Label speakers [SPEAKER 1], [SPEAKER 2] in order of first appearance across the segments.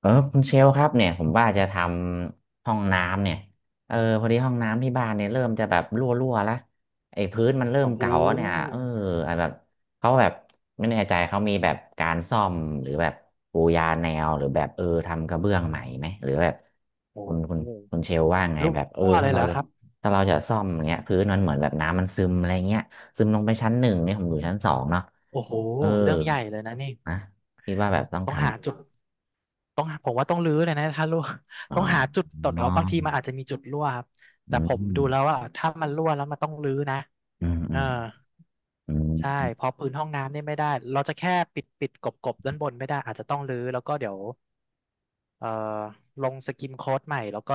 [SPEAKER 1] เออคุณเชลครับเนี่ยผมว่าจะทำห้องน้ำเนี่ยเออพอดีห้องน้ำที่บ้านเนี่ยเริ่มจะแบบรั่วๆแล้วไอ้พื้นมันเริ่ม
[SPEAKER 2] โอ้โห
[SPEAKER 1] เก่าแล้วเนี่ยเออไอ้แบบเขาแบบไม่แน่ใจเขามีแบบการซ่อมหรือแบบปูยาแนวหรือแบบเออทำกระเบื้องใหม่ไหมหรือแบบ
[SPEAKER 2] โอ้
[SPEAKER 1] คุณคุ
[SPEAKER 2] โห
[SPEAKER 1] ณคุณเชลว่าไง
[SPEAKER 2] รั
[SPEAKER 1] แบบเออ
[SPEAKER 2] ่วเล
[SPEAKER 1] ถ้า
[SPEAKER 2] ยเห
[SPEAKER 1] เรา
[SPEAKER 2] รอ
[SPEAKER 1] จะ
[SPEAKER 2] ครับ
[SPEAKER 1] ถ้าเราจะซ่อมอย่างเงี้ยพื้นมันเหมือนแบบน้ำมันซึมอะไรเงี้ยซึมลงไปชั้นหนึ่ง
[SPEAKER 2] โอ้
[SPEAKER 1] เนี่ยผมอ
[SPEAKER 2] โห
[SPEAKER 1] ยู่ชั้นสองเนาะ
[SPEAKER 2] โอ้โห
[SPEAKER 1] เออ
[SPEAKER 2] เรื่องใหญ่เลยนะนี่
[SPEAKER 1] นะคิดว่าแบบต้อง
[SPEAKER 2] ต้องหาจุ
[SPEAKER 1] ทำ
[SPEAKER 2] ดต้องหาผมว่าต้องรื้อเลยนะถ้ารั่ว ต้
[SPEAKER 1] อ๋อ
[SPEAKER 2] องหาจุดตดเอาบางทีมันอาจ
[SPEAKER 1] อ
[SPEAKER 2] จะมีจุดรั่วครับ
[SPEAKER 1] อ
[SPEAKER 2] แต่ผม
[SPEAKER 1] อืม
[SPEAKER 2] ดูแล้วว่าถ้ามันรั่วแล้วมันต้องรื้อนะ
[SPEAKER 1] อืมอื
[SPEAKER 2] เออ
[SPEAKER 1] มอื
[SPEAKER 2] ใช่
[SPEAKER 1] ม
[SPEAKER 2] พอพื้นห้องน้ำนี่ไม่ได้เราจะแค่ปิดปิดกบกบด้านบนไม่ได้อาจจะต้องรื้อแล้วก็เดี๋ยวเอ่อลงสกิมโค้ดใหม่แล้วก็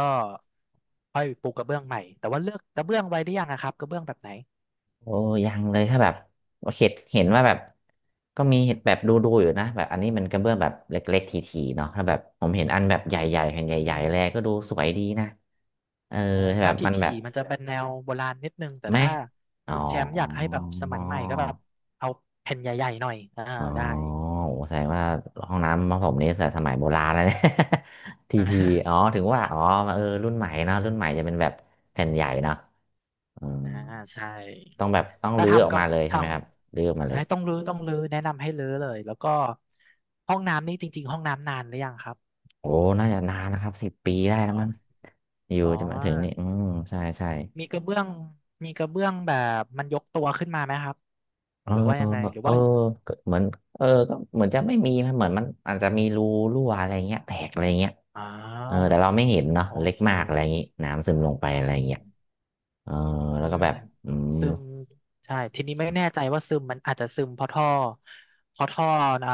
[SPEAKER 2] ค่อยปูกระเบื้องใหม่ แต่ว่าเลือกกระเบื้องไว้หด้ยังอะครับกระเบื้องแบบไหน
[SPEAKER 1] โอ้ยังเลยถ้าแบบเห็นว่าแบบก็มีเห็นแบบดูอยู่นะแบบอันนี้มันกระเบื้องแบบเล็กๆทีๆเนาะถ้าแบบผมเห็นอันแบบให
[SPEAKER 2] อ่า
[SPEAKER 1] ญ่ๆแผ่น
[SPEAKER 2] อ่า
[SPEAKER 1] ใหญ่ๆแลก็ดูสวยดีนะเออ
[SPEAKER 2] อา
[SPEAKER 1] แบ
[SPEAKER 2] ถ้า
[SPEAKER 1] บ
[SPEAKER 2] ถ
[SPEAKER 1] มันแบ
[SPEAKER 2] ี่
[SPEAKER 1] บ
[SPEAKER 2] ๆมันจะเป็นแนวโบราณนิดนึงแต่
[SPEAKER 1] แม่
[SPEAKER 2] ถ้า
[SPEAKER 1] อ๋อ
[SPEAKER 2] คุณแชมป์อยากให้แบบสมัยใหม่ก็แบบเอาแผ่นใหญ่ๆหน่อยอ่า
[SPEAKER 1] อ๋อ
[SPEAKER 2] ได้
[SPEAKER 1] โอ้แสดงว่าห้องน้ำของผมนี่แต่สมัยโบราณแล้วเนี่ย ทีทีอ๋อ ถึงว่าอ๋อเออรุ่นใหม่เนอะรุ่นใหม่จะเป็นแบบแผ่นใหญ่เนอะอืม
[SPEAKER 2] อ่าใช่
[SPEAKER 1] ต้องแบบต้อง
[SPEAKER 2] ถ้า
[SPEAKER 1] รื้อออ
[SPEAKER 2] ทำ
[SPEAKER 1] ก
[SPEAKER 2] กับ
[SPEAKER 1] มาเลย
[SPEAKER 2] ท
[SPEAKER 1] ใช่ไหมครับรื้อออกมาเล
[SPEAKER 2] ำ
[SPEAKER 1] ย
[SPEAKER 2] ให้ต้องรื้อต้องรื้อแนะนำให้รื้อเลยแล้วก็ห้องน้ำนี่จริงๆห้องน้ำนานหรือยังครับ
[SPEAKER 1] โอ้น่าจะนานนะครับ10 ปีได้แล้
[SPEAKER 2] อ๋
[SPEAKER 1] วมั้ง
[SPEAKER 2] อ
[SPEAKER 1] อยู่
[SPEAKER 2] อ๋
[SPEAKER 1] จะมาถึงนี่
[SPEAKER 2] อ
[SPEAKER 1] อืมใช่ใช่
[SPEAKER 2] มีกระเบื้องมีกระเบื้องแบบมันยกตัวขึ้นมาไหมครับ
[SPEAKER 1] เออ
[SPEAKER 2] หรือว่ายังไงหรือ
[SPEAKER 1] เออ
[SPEAKER 2] ว่า
[SPEAKER 1] ก็เหมือนเออก็เหมือนจะไม่มีนะเหมือนมันอาจจะมีรูรั่วอะไรเงี้ยแตกอะไรเงี้ย
[SPEAKER 2] อ๋อ
[SPEAKER 1] เออแต่เราไม่เห็นเนาะ
[SPEAKER 2] โอ
[SPEAKER 1] เล็ก
[SPEAKER 2] เค
[SPEAKER 1] มากอะไรอย่างงี้น้ำซึมลงไปอะไร
[SPEAKER 2] อืม
[SPEAKER 1] เงี้ย เออ
[SPEAKER 2] อื
[SPEAKER 1] แล้วก็
[SPEAKER 2] ม
[SPEAKER 1] แบบอืม
[SPEAKER 2] ซึมใช่ทีนี้ไม่แน่ใจว่าซึมมันอาจจะซึมเพราะท่อเพราะท่อเอ่อ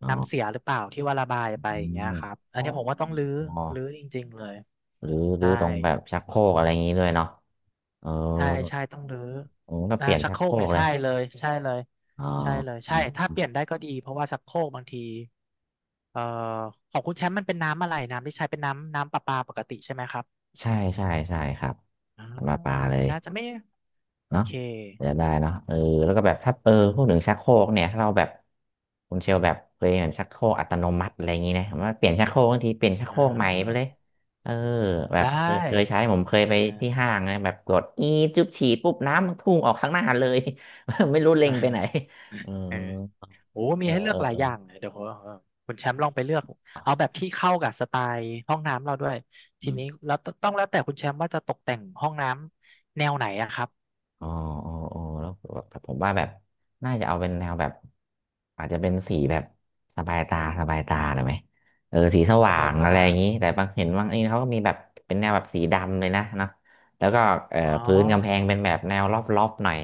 [SPEAKER 1] อ๋
[SPEAKER 2] น้ำเสี
[SPEAKER 1] อ
[SPEAKER 2] ยหรือเปล่าที่ว่าระบายไปอย่างเงี้ย
[SPEAKER 1] อ๋อ
[SPEAKER 2] ครับอันนี้ผมว่า
[SPEAKER 1] อ
[SPEAKER 2] ต้องรื้อ
[SPEAKER 1] ๋อ
[SPEAKER 2] รื้อจริงๆเลย
[SPEAKER 1] หรือหรือ
[SPEAKER 2] ใช่
[SPEAKER 1] ตรงแบบชักโครกอะไรอย่างนี้ด้วยเนาะเออ
[SPEAKER 2] ใช่ใช่ต้องรื้อ
[SPEAKER 1] ผมก็เป
[SPEAKER 2] อ่า
[SPEAKER 1] ลี่ยน
[SPEAKER 2] ชัก
[SPEAKER 1] ชั
[SPEAKER 2] โค
[SPEAKER 1] ก
[SPEAKER 2] ร
[SPEAKER 1] โค
[SPEAKER 2] ก
[SPEAKER 1] ร
[SPEAKER 2] เนี่
[SPEAKER 1] ก
[SPEAKER 2] ย
[SPEAKER 1] เล
[SPEAKER 2] ใช่
[SPEAKER 1] ย
[SPEAKER 2] เลยใช่เลย
[SPEAKER 1] อ๋อ
[SPEAKER 2] ใช่เลยใช่ถ้าเปลี่ยนได้ก็ดีเพราะว่าชักโครกบางทีเอ่อของคุณแชมป์มันเป็นน้ำอะไรน้ำที่ใช้เป็นน้ำน้ำประปาปกติใช่ไหมครับ
[SPEAKER 1] ใช่ใช่ใช่ครับ
[SPEAKER 2] อ่าอย่
[SPEAKER 1] มาปลา
[SPEAKER 2] าง
[SPEAKER 1] เล
[SPEAKER 2] นี้
[SPEAKER 1] ย
[SPEAKER 2] น่าจะไม่โอ
[SPEAKER 1] เนาะ
[SPEAKER 2] เค
[SPEAKER 1] จะได้เนาะเออแล้วก็แบบถ้าเออพูดถึงชักโครกเนี่ยถ้าเราแบบคุณเชลแบบเคยเห็นชักโครกอัตโนมัติอะไรอย่างนี้นะผมว่าเปลี่ยนชักโครกบางทีเปลี่ยนชักโค
[SPEAKER 2] อ่
[SPEAKER 1] รกใหม่ไป
[SPEAKER 2] า
[SPEAKER 1] เลย เออแบบ
[SPEAKER 2] ได้
[SPEAKER 1] เคยใช้ผมเคย
[SPEAKER 2] อ่
[SPEAKER 1] ไปที่
[SPEAKER 2] า
[SPEAKER 1] ห้างนะแบบกดอีจุ๊บฉี่ปุ๊บน้ำมันพุ่งออกข้างหน้าเลย ไม่รู้เล็งไปไหน
[SPEAKER 2] อ่า
[SPEAKER 1] เออ
[SPEAKER 2] เออโอ้มี
[SPEAKER 1] เออ
[SPEAKER 2] ให้เลื
[SPEAKER 1] เอ
[SPEAKER 2] อก
[SPEAKER 1] อ
[SPEAKER 2] หลา
[SPEAKER 1] เ
[SPEAKER 2] ยอย่างเลยเดี๋ยวผมคุณแชมป์ลองไปเลือกเอาแบบที่เข้ากับสไตล์ห้องน้ำเราด้วยทีนี้
[SPEAKER 1] ออ
[SPEAKER 2] แล้วตต้องแล้วแต่คุณแชมป์ว่าจะตกแต่งห้องน้ำแนวไหนอะครับ
[SPEAKER 1] อ๋ออ๋ออ๋อแล้วแบบผมว่าแบบน่าจะเอาเป็นแนวแบบอาจจะเป็นสีแบบสบายตาสบายตาหน่อยไหมเออสีส
[SPEAKER 2] ส
[SPEAKER 1] ว่า
[SPEAKER 2] บาย
[SPEAKER 1] ง
[SPEAKER 2] ตา
[SPEAKER 1] อะไรอย่างนี้แต่บางเห็นบางนี่เขาก็มีแบบเป็นแนวแบบสีดำเลยนะเนาะแล้วก็
[SPEAKER 2] อ๋อ
[SPEAKER 1] พื้นกำแพงเป็นแบบแนวรอบๆหน่อย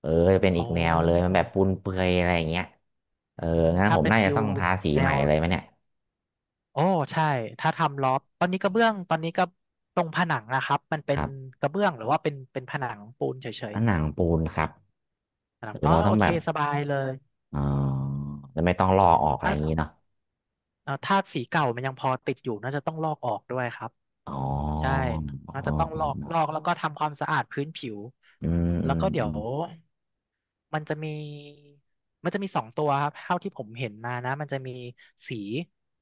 [SPEAKER 1] เออจะเป็น
[SPEAKER 2] อ๋
[SPEAKER 1] อี
[SPEAKER 2] อ
[SPEAKER 1] กแนวเลยมันแบบปูนเปื่อยอะไรอย่างเงี้ยเอ
[SPEAKER 2] อื
[SPEAKER 1] อ
[SPEAKER 2] ม
[SPEAKER 1] งั้น
[SPEAKER 2] ถ้า
[SPEAKER 1] ผม
[SPEAKER 2] เป็น
[SPEAKER 1] น่า
[SPEAKER 2] ฟิ
[SPEAKER 1] จะต้
[SPEAKER 2] ล
[SPEAKER 1] องทาสี
[SPEAKER 2] แน
[SPEAKER 1] ใหม่
[SPEAKER 2] ว
[SPEAKER 1] เลยไหมเนี่ย
[SPEAKER 2] โอ้ใช่ถ้าทำลอฟตอนนี้กระเบื้องตอนนี้ก็ตรงผนังนะครับมัน
[SPEAKER 1] ค
[SPEAKER 2] เป็น
[SPEAKER 1] รับ
[SPEAKER 2] กระเบื้องหรือว่าเป็นเป็นผนังปูนเฉ
[SPEAKER 1] ผ
[SPEAKER 2] ย
[SPEAKER 1] นังปูนครับ
[SPEAKER 2] ๆผนัง
[SPEAKER 1] หรือ
[SPEAKER 2] อ๋อ
[SPEAKER 1] เราต้
[SPEAKER 2] โอ
[SPEAKER 1] อง
[SPEAKER 2] เค
[SPEAKER 1] แบบ
[SPEAKER 2] สบายเลย
[SPEAKER 1] เออจะไม่ต้องลอกออกอะไร
[SPEAKER 2] แล้
[SPEAKER 1] อย่าง
[SPEAKER 2] ว
[SPEAKER 1] นี้เนาะ
[SPEAKER 2] ธาตุสีเก่ามันยังพอติดอยู่น่าจะต้องลอกออกด้วยครับ
[SPEAKER 1] อ๋อ
[SPEAKER 2] ใช่
[SPEAKER 1] อ๋อ
[SPEAKER 2] น่าจะต้อง
[SPEAKER 1] อ๋
[SPEAKER 2] ล
[SPEAKER 1] อ
[SPEAKER 2] อกลอกแล้วก็ทำความสะอาดพื้นผิว
[SPEAKER 1] อืมอื
[SPEAKER 2] แล้ว
[SPEAKER 1] ม
[SPEAKER 2] ก็เดี๋
[SPEAKER 1] อื
[SPEAKER 2] ยว
[SPEAKER 1] ม
[SPEAKER 2] มันจะมีมันจะมีสองตัวครับเท่าที่ผมเห็นมานะมันจะมีสี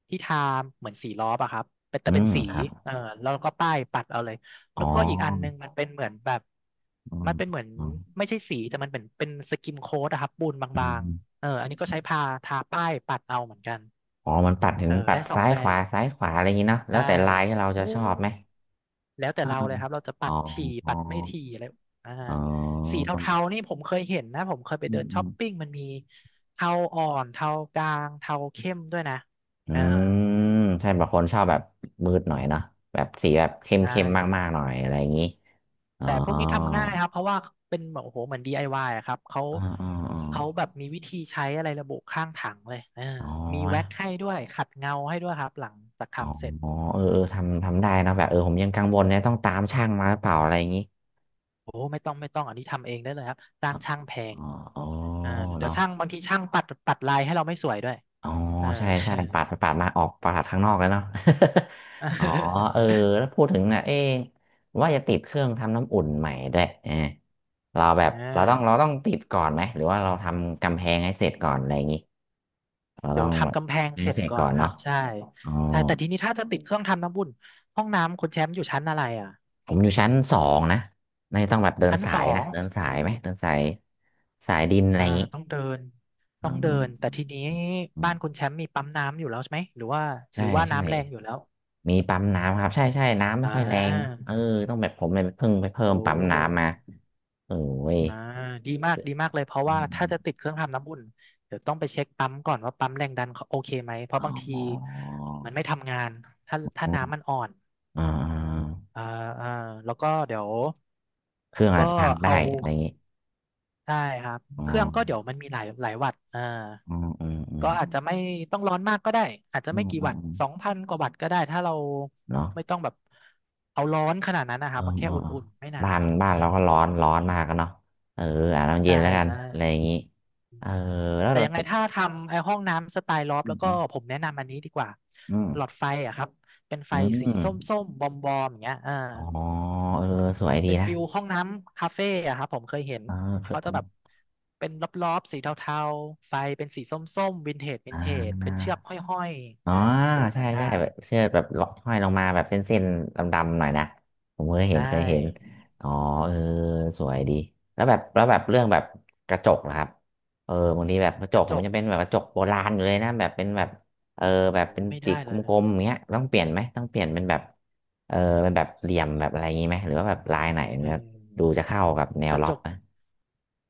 [SPEAKER 2] ที่ทาเหมือนสีล้อปะครับเป็นแต่
[SPEAKER 1] อื
[SPEAKER 2] เป็น
[SPEAKER 1] ม
[SPEAKER 2] สี
[SPEAKER 1] ครับ
[SPEAKER 2] เออแล้วก็ป้ายปัดเอาเลย
[SPEAKER 1] อ๋
[SPEAKER 2] แล้วก็อีกอันนึ
[SPEAKER 1] อ
[SPEAKER 2] งมันเป็นเหมือนแบบ
[SPEAKER 1] อ๋
[SPEAKER 2] มั
[SPEAKER 1] ม
[SPEAKER 2] นเป็นเหมือน
[SPEAKER 1] อื
[SPEAKER 2] ไม่ใช่สีแต่มันเป็นเป็นสกิมโค้ดอะครับปูน
[SPEAKER 1] ออื
[SPEAKER 2] บาง
[SPEAKER 1] ม
[SPEAKER 2] ๆเอออันนี้ก็ใช้พาทาป้ายปัดเอาเหมือนกัน
[SPEAKER 1] อ๋อมันปัดถึ
[SPEAKER 2] เอ
[SPEAKER 1] ง
[SPEAKER 2] อ
[SPEAKER 1] ปัด
[SPEAKER 2] ได้สอง
[SPEAKER 1] ซ้าย
[SPEAKER 2] แบ
[SPEAKER 1] ขวา
[SPEAKER 2] บ
[SPEAKER 1] ซ้ายขวาอะไรอย่างนี้เนาะแล้
[SPEAKER 2] ใช่
[SPEAKER 1] วแต่ลายที่เรา
[SPEAKER 2] โอ้
[SPEAKER 1] จะชอบ
[SPEAKER 2] ย
[SPEAKER 1] ไหม
[SPEAKER 2] แล้วแต่
[SPEAKER 1] อา
[SPEAKER 2] เราเลยครับ เราจะปั
[SPEAKER 1] อ๋อ
[SPEAKER 2] ดถี่
[SPEAKER 1] อ๋อ
[SPEAKER 2] ปัดไม่ถี่อะไรอ่า
[SPEAKER 1] อ๋
[SPEAKER 2] สี
[SPEAKER 1] อ
[SPEAKER 2] เทาๆนี่ผมเคยเห็นนะ ผมเคยไป
[SPEAKER 1] อื
[SPEAKER 2] เดิ
[SPEAKER 1] ม
[SPEAKER 2] น
[SPEAKER 1] อื
[SPEAKER 2] ช้อ
[SPEAKER 1] ม
[SPEAKER 2] ปปิ้งมันมีเทาอ่อนเทากลางเทาเข้มด้วยนะ
[SPEAKER 1] อื
[SPEAKER 2] เออ
[SPEAKER 1] มใช่บางคนชอบแบบมืดหน่อยเนาะแบบสีแบบเข้ม
[SPEAKER 2] ใช่
[SPEAKER 1] เข้มมากๆหน่อยอะไรอย่างนี้อ๋อ
[SPEAKER 2] แต่พวกนี้ทำง่ายครับ เพราะว่าเป็นแบบโอ้โหเหมือน DIY อวายอะครับ เขา
[SPEAKER 1] อ๋ออ๋อ
[SPEAKER 2] เขาแบบมีวิธีใช้อะไรระบุข้างถังเลยเออ
[SPEAKER 1] อ๋
[SPEAKER 2] มีแว็ก
[SPEAKER 1] อ
[SPEAKER 2] ให้ด้วยขัดเงาให้ด้วยครับหลังจาก
[SPEAKER 1] อ๋อ
[SPEAKER 2] ทำเสร็จ
[SPEAKER 1] อ๋อเออเออทำทำได้นะแบบเออผมยังกังวลเนี่ยต้องตามช่างมาหรือเปล่าอะไรอย่างนี้
[SPEAKER 2] โอ้ไม่ต้องไม่ต้องอันนี้ทำเองได้เลยครับจ้างช่างแพง
[SPEAKER 1] อ๋ออ๋อ
[SPEAKER 2] อ่าเดี๋ยว
[SPEAKER 1] เนาะ
[SPEAKER 2] ช่างบางทีช่างปัดปัดลายให้เราไม่สวยด้วย
[SPEAKER 1] อ๋อ
[SPEAKER 2] เออ
[SPEAKER 1] ใช่ใช่ปาดไปปาดมาออกปาดข้างนอกแล้วเนาะ อ๋อเออ แล้วพูดถึงน่ะเอ๊ะว่าจะติดเครื่องทำน้ำอุ่นใหม่ด้วยเออเราแบ
[SPEAKER 2] อ่
[SPEAKER 1] บเราต้องเรา
[SPEAKER 2] า
[SPEAKER 1] ต้องติดก่อนไหมหรือว่าเราทำกำแพงให้เสร็จก่อนอะไรอย่างงี้เรา
[SPEAKER 2] เดี๋
[SPEAKER 1] ต้อ
[SPEAKER 2] ยว
[SPEAKER 1] งแบ
[SPEAKER 2] ทำ
[SPEAKER 1] บ
[SPEAKER 2] กำแพง
[SPEAKER 1] ให้
[SPEAKER 2] เสร็จ
[SPEAKER 1] เสร็จ
[SPEAKER 2] ก่อ
[SPEAKER 1] ก่อ
[SPEAKER 2] น
[SPEAKER 1] น
[SPEAKER 2] ครั
[SPEAKER 1] เนาะ
[SPEAKER 2] บใช่
[SPEAKER 1] อ๋อ
[SPEAKER 2] ใช่แต่ทีนี้ถ้าจะติดเครื่องทำน้ำบุ่นห้องน้ำคุณแชมป์อยู่ชั้นอะไรอ่ะ
[SPEAKER 1] ผมอยู่ชั้นสองนะไม่ต้องแบบเดิน
[SPEAKER 2] ชั้น
[SPEAKER 1] สา
[SPEAKER 2] สอ
[SPEAKER 1] ยนะ
[SPEAKER 2] ง
[SPEAKER 1] เดินสายไหมเดินสายสายดินอะไร
[SPEAKER 2] อ่า
[SPEAKER 1] อย่างงี้
[SPEAKER 2] ต้องเดิน
[SPEAKER 1] อ
[SPEAKER 2] ต้องเดิ
[SPEAKER 1] ๋
[SPEAKER 2] นแต่ทีนี้บ้านคุ
[SPEAKER 1] อ
[SPEAKER 2] ณแชมป์มีปั๊มน้ำอยู่แล้วใช่ไหมหรือว่าห
[SPEAKER 1] ใช่
[SPEAKER 2] รือว่า
[SPEAKER 1] ใช่
[SPEAKER 2] น้ำแรงอยู่แล้ว
[SPEAKER 1] มีปั๊มน้ำครับใช่ใช่น้ำไม่
[SPEAKER 2] อ่า
[SPEAKER 1] ค่อยแรงเออต้องแบบผมเลยเพิ่งไปเพิ่
[SPEAKER 2] โอ้
[SPEAKER 1] มปั๊มน้ำมาเออว้ย
[SPEAKER 2] อ่าดีมากดีมากเลยเพราะ
[SPEAKER 1] อื
[SPEAKER 2] ว่าถ้าจะติด
[SPEAKER 1] ม
[SPEAKER 2] เครื่องทำน้ำอุ่นเดี๋ยวต้องไปเช็คปั๊มก่อนว่าปั๊มแรงดันเขาโอเคไหมเพราะ
[SPEAKER 1] อ๋
[SPEAKER 2] บางที
[SPEAKER 1] อ
[SPEAKER 2] มันไม่ทำงานถ้าถ้าน้ำมันอ่อน
[SPEAKER 1] อ่า
[SPEAKER 2] อ่าอ่าแล้วก็เดี๋ยว
[SPEAKER 1] เครื่องอา
[SPEAKER 2] ก็
[SPEAKER 1] จจะพังได้
[SPEAKER 2] เอา
[SPEAKER 1] อะไรอย่างงี้
[SPEAKER 2] ได้ครับ
[SPEAKER 1] อ๋อ
[SPEAKER 2] เครื่องก็เดี๋ยวมันมีหลายหลายวัตต์อ่า
[SPEAKER 1] อืมอืมอื
[SPEAKER 2] ก็
[SPEAKER 1] ม
[SPEAKER 2] อาจจะไม่ต้องร้อนมากก็ได้อาจจะ
[SPEAKER 1] อื
[SPEAKER 2] ไม่
[SPEAKER 1] ม
[SPEAKER 2] กี่
[SPEAKER 1] อื
[SPEAKER 2] วั
[SPEAKER 1] ม
[SPEAKER 2] ตต์
[SPEAKER 1] อืม
[SPEAKER 2] 2000 กว่าวัตต์ก็ได้ถ้าเรา
[SPEAKER 1] เนาะ
[SPEAKER 2] ไม่ต้องแบบเอาร้อนขนาดนั้นนะค
[SPEAKER 1] ออเอ
[SPEAKER 2] รั
[SPEAKER 1] อ
[SPEAKER 2] บแค่
[SPEAKER 1] เออ
[SPEAKER 2] อุ่นๆไม่หนา
[SPEAKER 1] บ้าน
[SPEAKER 2] ว
[SPEAKER 1] บ้าน
[SPEAKER 2] อ่า
[SPEAKER 1] เราก็ร้อนร้อนมากกันเนาะเอออาบน้ำเย็
[SPEAKER 2] ใช่
[SPEAKER 1] นแล้วกัน
[SPEAKER 2] ใช่
[SPEAKER 1] อะไรอย่างงี้เออแล้ว
[SPEAKER 2] แต่
[SPEAKER 1] เรา
[SPEAKER 2] ยังไงถ้าทำไอ้ห้องน้ำสไตล์ลอฟ
[SPEAKER 1] อื
[SPEAKER 2] แล้วก็
[SPEAKER 1] ม
[SPEAKER 2] ผมแนะนำอันนี้ดีกว่า
[SPEAKER 1] อืม
[SPEAKER 2] หลอดไฟอะครับเป็นไฟ
[SPEAKER 1] อืม
[SPEAKER 2] สี
[SPEAKER 1] อืม
[SPEAKER 2] ส้มๆบอมๆอย่างเงี้ย
[SPEAKER 1] อ๋อเออสวยดี
[SPEAKER 2] เป็น
[SPEAKER 1] นะ
[SPEAKER 2] ฟิลห้องน้ำคาเฟ่อะครับผมเคยเห็น
[SPEAKER 1] เออ
[SPEAKER 2] เขาจะแบบเป็นรอบๆสีเทาๆไฟเป็นสีส้มๆวินเทจวิ
[SPEAKER 1] อ่
[SPEAKER 2] นเทจเป็น
[SPEAKER 1] า
[SPEAKER 2] เชือกห้อย
[SPEAKER 1] อ๋
[SPEAKER 2] ๆ
[SPEAKER 1] อ
[SPEAKER 2] ฟิล
[SPEAKER 1] ใช่
[SPEAKER 2] นั้นได้
[SPEAKER 1] ใช่แบบเชือกแบบล็อกห้อยลงมาแบบเส้นๆดำๆหน่อยนะผมเคยเห็
[SPEAKER 2] ได้
[SPEAKER 1] นเคยเห็นอ๋อเออสวยดีแล้วแบบแล้วแบบเรื่องแบบกระจกนะครับเออบางทีแบบกระจ
[SPEAKER 2] ก
[SPEAKER 1] ก
[SPEAKER 2] ระ
[SPEAKER 1] ผ
[SPEAKER 2] จ
[SPEAKER 1] ม
[SPEAKER 2] ก
[SPEAKER 1] จะเป็นแบบกระจกโบราณอยู่เลยนะแบบเป็นแบบเออแบบ
[SPEAKER 2] โอ้
[SPEAKER 1] เป็น
[SPEAKER 2] ไม่
[SPEAKER 1] จิก
[SPEAKER 2] ได้
[SPEAKER 1] ก
[SPEAKER 2] เลย
[SPEAKER 1] ลมๆอย่างเงี้ยต้องเปลี่ยนไหมต้องเปลี่ยนเป็นแบบเออเป็นแบบเหลี่ยมแบบอะไรอย่างงี้ไหมหรือว่าแบบลายไหน
[SPEAKER 2] เอ
[SPEAKER 1] เนี่ยดู
[SPEAKER 2] อ
[SPEAKER 1] จะเข้ากับแน
[SPEAKER 2] ก
[SPEAKER 1] ว
[SPEAKER 2] ระ
[SPEAKER 1] ล็
[SPEAKER 2] จ
[SPEAKER 1] อบ
[SPEAKER 2] ก
[SPEAKER 1] ไหม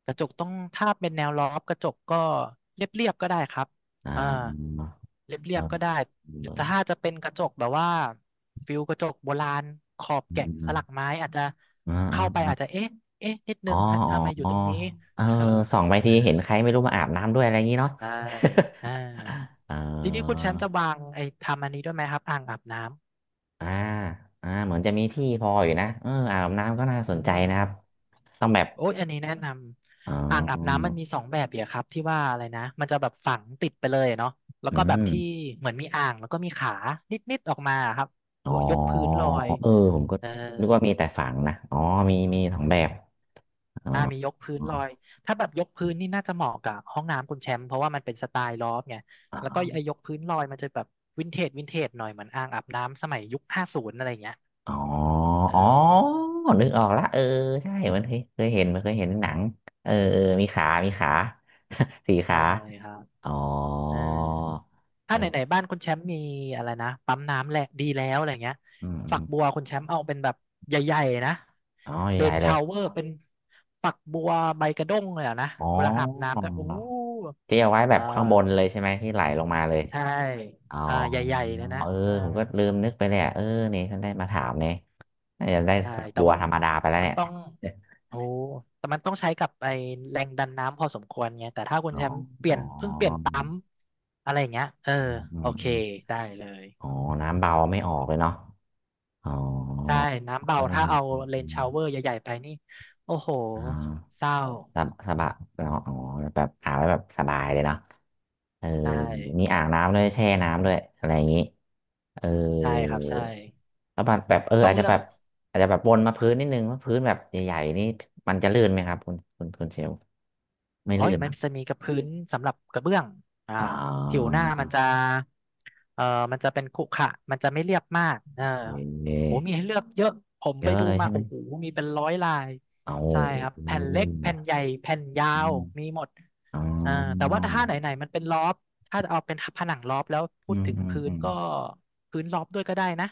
[SPEAKER 2] กระจกต้องถ้าเป็นแนวรอบกระจกก็เรียบๆก็ได้ครับ
[SPEAKER 1] อ่า
[SPEAKER 2] อ่าเรี
[SPEAKER 1] เอ
[SPEAKER 2] ย
[SPEAKER 1] อ
[SPEAKER 2] บๆก็ได้
[SPEAKER 1] เ
[SPEAKER 2] หรื
[SPEAKER 1] อ
[SPEAKER 2] อถ้า
[SPEAKER 1] อ
[SPEAKER 2] จะเป็นกระจกแบบว่าฟิลกระจกโบราณขอบแกะ
[SPEAKER 1] เอ
[SPEAKER 2] ส
[SPEAKER 1] อ
[SPEAKER 2] ลักไม้อาจจะ
[SPEAKER 1] เอ
[SPEAKER 2] เข้าไปอาจจะ
[SPEAKER 1] อ
[SPEAKER 2] เอ๊ะนิด
[SPEAKER 1] อ๋
[SPEAKER 2] นึ
[SPEAKER 1] อ
[SPEAKER 2] งฮะ
[SPEAKER 1] อ๋อ
[SPEAKER 2] ทำไมอยู่
[SPEAKER 1] อ๋อ
[SPEAKER 2] ตรงนี้
[SPEAKER 1] เออ
[SPEAKER 2] เอ
[SPEAKER 1] ส่องไปทีเห็นใครไม่รู้มาอาบน้ำด้วยอะไรอย่างนี้เนาะ
[SPEAKER 2] ใอ่า
[SPEAKER 1] เ
[SPEAKER 2] ทีนี้คุณ
[SPEAKER 1] ออ
[SPEAKER 2] แชมป์จะวางไอ้ทำอันนี้ด้วยไหมครับอ่างอาบน้ำ
[SPEAKER 1] อ่าอ่าเหมือนจะมีที่พออยู่นะเอออาบน้ำก็น่า
[SPEAKER 2] อื
[SPEAKER 1] สนใจนะครับ
[SPEAKER 2] ม
[SPEAKER 1] ต้องแบบ
[SPEAKER 2] โอ้ยอันนี้แนะน
[SPEAKER 1] อ๋
[SPEAKER 2] ำอ่างอาบ
[SPEAKER 1] อ
[SPEAKER 2] น้ำมันมีสองแบบเดียวครับที่ว่าอะไรนะมันจะแบบฝังติดไปเลยเนาะแล้ว
[SPEAKER 1] อื
[SPEAKER 2] ก็แบบที่
[SPEAKER 1] ม
[SPEAKER 2] เหมือนมีอ่างแล้วก็มีขานิดๆออกมาครับ
[SPEAKER 1] อ๋อ
[SPEAKER 2] ยกพื้นลอย
[SPEAKER 1] เออ ผมก็
[SPEAKER 2] เออ
[SPEAKER 1] นึกว่ามีแต่ฝังนะ อ๋อ มี มีสองแบบอ๋อ
[SPEAKER 2] มียกพื้นลอยถ้าแบบยกพื้นนี่น่าจะเหมาะกับห้องน้ำคุณแชมป์เพราะว่ามันเป็นสไตล์ลอฟไง
[SPEAKER 1] อ๋
[SPEAKER 2] แล้วก็ไอ้
[SPEAKER 1] อ
[SPEAKER 2] ยกพื้นลอยมันจะแบบวินเทจวินเทจหน่อยเหมือนอ่างอาบน้ำสมัยยุค50อะไรอย่างเงี้ย
[SPEAKER 1] อ๋อ
[SPEAKER 2] เอ
[SPEAKER 1] อ๋อ
[SPEAKER 2] อ
[SPEAKER 1] นึกออกละเออใช่มันเคยเห็นมันเคยเห็นหนังเออเออมีขามีขา สี่
[SPEAKER 2] ใช่
[SPEAKER 1] ขา
[SPEAKER 2] ครับ
[SPEAKER 1] อ๋อ
[SPEAKER 2] อ่า ถ้าไหน
[SPEAKER 1] เออ
[SPEAKER 2] ๆบ้านคุณแชมป์มีอะไรนะปั๊มน้ำแหละดีแล้วอะไรเงี้ย
[SPEAKER 1] อืมอ
[SPEAKER 2] ฝั
[SPEAKER 1] ม
[SPEAKER 2] กบัวคุณแชมป์เอาเป็นแบบใหญ่ๆนะ
[SPEAKER 1] อ๋อ
[SPEAKER 2] เร
[SPEAKER 1] ใหญ่
[SPEAKER 2] น
[SPEAKER 1] ๆเล
[SPEAKER 2] ชา
[SPEAKER 1] ย
[SPEAKER 2] วเวอร์เป็นฝักบัวใบกระด้งเลยอะนะ
[SPEAKER 1] อ๋อ
[SPEAKER 2] เวลาอาบน้ำก็โอ้โห
[SPEAKER 1] ที่เอาไว้แบ
[SPEAKER 2] เออ
[SPEAKER 1] บข้างบนเลยใช่ไหมที่ไหลลงมาเลย
[SPEAKER 2] ใช่
[SPEAKER 1] อ๋อ
[SPEAKER 2] ใหญ่ๆเลยนะ
[SPEAKER 1] เออผมก็ลืมนึกไปเลยอะเออนี่ท่านได้มาถามเนี่ยน่าจะได้
[SPEAKER 2] ใช่
[SPEAKER 1] บ
[SPEAKER 2] แต่
[SPEAKER 1] บัว
[SPEAKER 2] ว่า
[SPEAKER 1] ธรรมดาไปแล้ว
[SPEAKER 2] มัน
[SPEAKER 1] เนี่ย
[SPEAKER 2] ต้อง โอ้แต่มันต้องใช้กับไอแรงดันน้ำพอสมควรไงแต่ถ้าคุณ
[SPEAKER 1] อ๋อ
[SPEAKER 2] แชมป์เป
[SPEAKER 1] อ๋
[SPEAKER 2] ลี่
[SPEAKER 1] อ
[SPEAKER 2] ยนเพิ่งเปลี่ยนปั๊มอะไรอย่างเงี้ยเออ
[SPEAKER 1] อืมอื
[SPEAKER 2] โอ
[SPEAKER 1] ม
[SPEAKER 2] เค
[SPEAKER 1] อืม
[SPEAKER 2] ได้เลย
[SPEAKER 1] อ๋อน้ำเบาไม่ออกเลยเนาะ อ๋อ
[SPEAKER 2] ใช่ น้ำเบา
[SPEAKER 1] เออ
[SPEAKER 2] ถ้าเอา
[SPEAKER 1] เอืม
[SPEAKER 2] เรนชาวเว
[SPEAKER 1] อ
[SPEAKER 2] อร์ใหญ่ๆไปนี่ โอ้โห
[SPEAKER 1] ออ่า
[SPEAKER 2] เศร้า
[SPEAKER 1] สบสบายเนาะอ๋อแบบอาบแล้วแบบสบายเลยเนาะเออ
[SPEAKER 2] ใช่
[SPEAKER 1] มีอ่างน้ำด้วยแช่น้ำด้วยอะไรอย่างนี้เออ
[SPEAKER 2] ใช่ครับ ใช่
[SPEAKER 1] แล้วแบบแบบเออ
[SPEAKER 2] ต้อง
[SPEAKER 1] อาจจะ
[SPEAKER 2] เลือก
[SPEAKER 1] แบบอาจจะแบบวนมาพื้นนิดนึงว่าพื้นแบบใหญ่ๆนี่มันจะลื่นไหมครับคุณเชลไม่
[SPEAKER 2] อ๋อ
[SPEAKER 1] ลื่
[SPEAKER 2] ย
[SPEAKER 1] น
[SPEAKER 2] มั
[SPEAKER 1] มั้
[SPEAKER 2] น
[SPEAKER 1] ง
[SPEAKER 2] จะมีกับพื้นสำหรับกระเบื้องอ่า
[SPEAKER 1] อ๋
[SPEAKER 2] ผิว
[SPEAKER 1] อ
[SPEAKER 2] หน้ามันจะเอ่อมันจะเป็นขรุขระมันจะไม่เรียบมากเออ
[SPEAKER 1] โอเค
[SPEAKER 2] โหมีให้เลือกเยอะ ผม
[SPEAKER 1] เย
[SPEAKER 2] ไป
[SPEAKER 1] อะ
[SPEAKER 2] ดู
[SPEAKER 1] เลย
[SPEAKER 2] มา
[SPEAKER 1] ใช่ไหม
[SPEAKER 2] โอ้โหมีเป็นร้อยลาย
[SPEAKER 1] โอ้โห
[SPEAKER 2] ใช่ครับ
[SPEAKER 1] อื
[SPEAKER 2] แผ่นเล็กแผ่นใหญ่แผ่นยาว
[SPEAKER 1] ม
[SPEAKER 2] มีหมด
[SPEAKER 1] อ๋
[SPEAKER 2] อ่าแต่
[SPEAKER 1] อ
[SPEAKER 2] ว่าถ้าไหนไหนมันเป็นลอบถ้าจะเอาเป็นผนังลอบแล้วพู
[SPEAKER 1] อื
[SPEAKER 2] ด
[SPEAKER 1] ม
[SPEAKER 2] ถึง
[SPEAKER 1] อืม
[SPEAKER 2] พื้
[SPEAKER 1] อื
[SPEAKER 2] น
[SPEAKER 1] ม
[SPEAKER 2] ก็พื้นลอบด้วยก็ได้นะ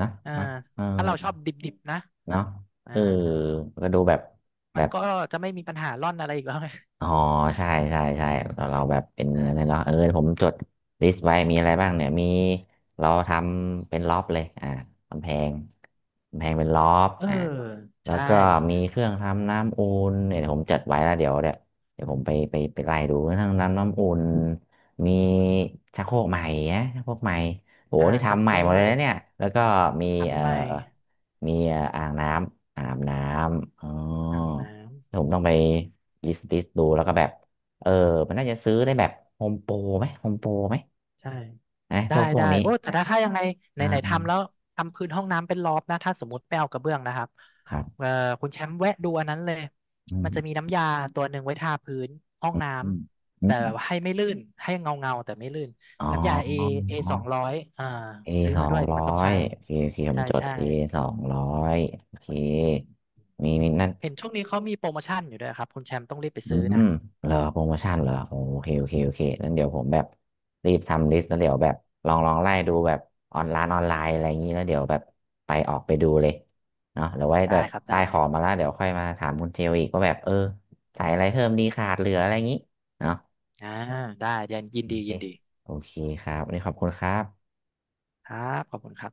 [SPEAKER 1] นะ
[SPEAKER 2] อ่า
[SPEAKER 1] ไหมเออ
[SPEAKER 2] ถ้าเราชอบดิบๆนะ
[SPEAKER 1] เนาะเอ
[SPEAKER 2] อ่า
[SPEAKER 1] อก็ดูแบบแบ
[SPEAKER 2] มัน
[SPEAKER 1] บ
[SPEAKER 2] ก็จะไม่มีปัญหาร่อนอะไรอีกแล้วไง
[SPEAKER 1] อ๋อใช่ใช่
[SPEAKER 2] เอ
[SPEAKER 1] ใช่
[SPEAKER 2] อ
[SPEAKER 1] เราแบบเป็น
[SPEAKER 2] ได้
[SPEAKER 1] อะไรเนาะเออผมจดลิสต์ไว้มีอะ
[SPEAKER 2] ใช่
[SPEAKER 1] ไรบ้างเนี่ยมีเราทำเป็นล็อบเลยอ่ากำแพงกำแพงเป็นล็อบ
[SPEAKER 2] เออ
[SPEAKER 1] อ่าแล้ว
[SPEAKER 2] ใช่
[SPEAKER 1] ก็มีเครื่องทำน้ำอุ่นเนี่ยเดี๋ยวผมจัดไว้แล้วเดี๋ยวเดี๋ยวผมไปไล่ดูเครื่องทำน้ำอุ่นมีชักโครกใหม่นะชักโครกใหม่โหนี่
[SPEAKER 2] ชัก
[SPEAKER 1] ทำ
[SPEAKER 2] โค
[SPEAKER 1] ใหม่
[SPEAKER 2] ร
[SPEAKER 1] หมดเลย
[SPEAKER 2] ก
[SPEAKER 1] นะเนี่ยแล้วก็มีเอ่
[SPEAKER 2] ทำ
[SPEAKER 1] อ
[SPEAKER 2] ใหม่
[SPEAKER 1] มีอ่างน้ำอาบน้ำอ๋อ
[SPEAKER 2] อาบน้ำ
[SPEAKER 1] ผมต้องไป ลิสต์ดูแล้วก็แบบเออมันน่าจะซื้อได้แบบโฮมโปรไหมโฮมโปรไหม
[SPEAKER 2] ใช่
[SPEAKER 1] นะ
[SPEAKER 2] ได้
[SPEAKER 1] พวก
[SPEAKER 2] ได้
[SPEAKER 1] นี้
[SPEAKER 2] โอ้แต่ถ้าถ้ายังไงไหน
[SPEAKER 1] อ่
[SPEAKER 2] ไหน
[SPEAKER 1] า
[SPEAKER 2] ทำแล้วทำพื้นห้องน้ำเป็นรอบนะถ้าสมมติไม่เอากระเบื้องนะครับ
[SPEAKER 1] ครับ
[SPEAKER 2] เออคุณแชมป์แวะดูอันนั้นเลย
[SPEAKER 1] อื
[SPEAKER 2] มัน
[SPEAKER 1] ม
[SPEAKER 2] จะมีน้ำยาตัวหนึ่งไว้ทาพื้นห้อง
[SPEAKER 1] อื
[SPEAKER 2] น้
[SPEAKER 1] ม
[SPEAKER 2] ำ
[SPEAKER 1] อื
[SPEAKER 2] แต่
[SPEAKER 1] ม
[SPEAKER 2] ให้ไม่ลื่นให้เงาเงาแต่ไม่ลื่น
[SPEAKER 1] อ๋
[SPEAKER 2] น้ำยาเอ
[SPEAKER 1] อ
[SPEAKER 2] เอสองร้อย
[SPEAKER 1] เอ
[SPEAKER 2] ซื้อ
[SPEAKER 1] สอ
[SPEAKER 2] มาด้
[SPEAKER 1] ง
[SPEAKER 2] วย
[SPEAKER 1] ร้อ
[SPEAKER 2] มันต้อง
[SPEAKER 1] ย
[SPEAKER 2] ใช้
[SPEAKER 1] โอเคโอเคผม
[SPEAKER 2] ใช่
[SPEAKER 1] จด
[SPEAKER 2] ใช่
[SPEAKER 1] เอสองร้อยโอเคมีมีนั่น
[SPEAKER 2] เห็นช่วงนี้เขามีโปรโมชั่นอยู่ด้วยครับคุณแชมป์ต้องรีบไป
[SPEAKER 1] อื
[SPEAKER 2] ซื้อ
[SPEAKER 1] ม
[SPEAKER 2] นะ
[SPEAKER 1] เหรอโปรโมชั่นเหรอโอโอเคโอเคโอเคนั่นเดี๋ยวผมแบบรีบทำลิสต์แล้วเดี๋ยวแบบลองไล่ดูแบบออนไลน์ออนไลน์อะไรอย่างนี้แล้วเดี๋ยวแบบไปออกไปดูเลยเนาะเดี๋ยวไว้
[SPEAKER 2] ได้
[SPEAKER 1] แบบ
[SPEAKER 2] ครับ
[SPEAKER 1] ได้
[SPEAKER 2] ได้
[SPEAKER 1] ของมาแล้วเดี๋ยวค่อยมาถามคุณเจลอีกว่าแบบเออใส่อะไรเพิ่มดีขาดเหลืออะไรอย่างนี้เนาะ
[SPEAKER 2] อ่าได้ยันยิน
[SPEAKER 1] โอ
[SPEAKER 2] ดี
[SPEAKER 1] เค
[SPEAKER 2] ยินดี
[SPEAKER 1] โอเคครับวันนี้ขอบคุณครับ
[SPEAKER 2] ครับขอบคุณครับ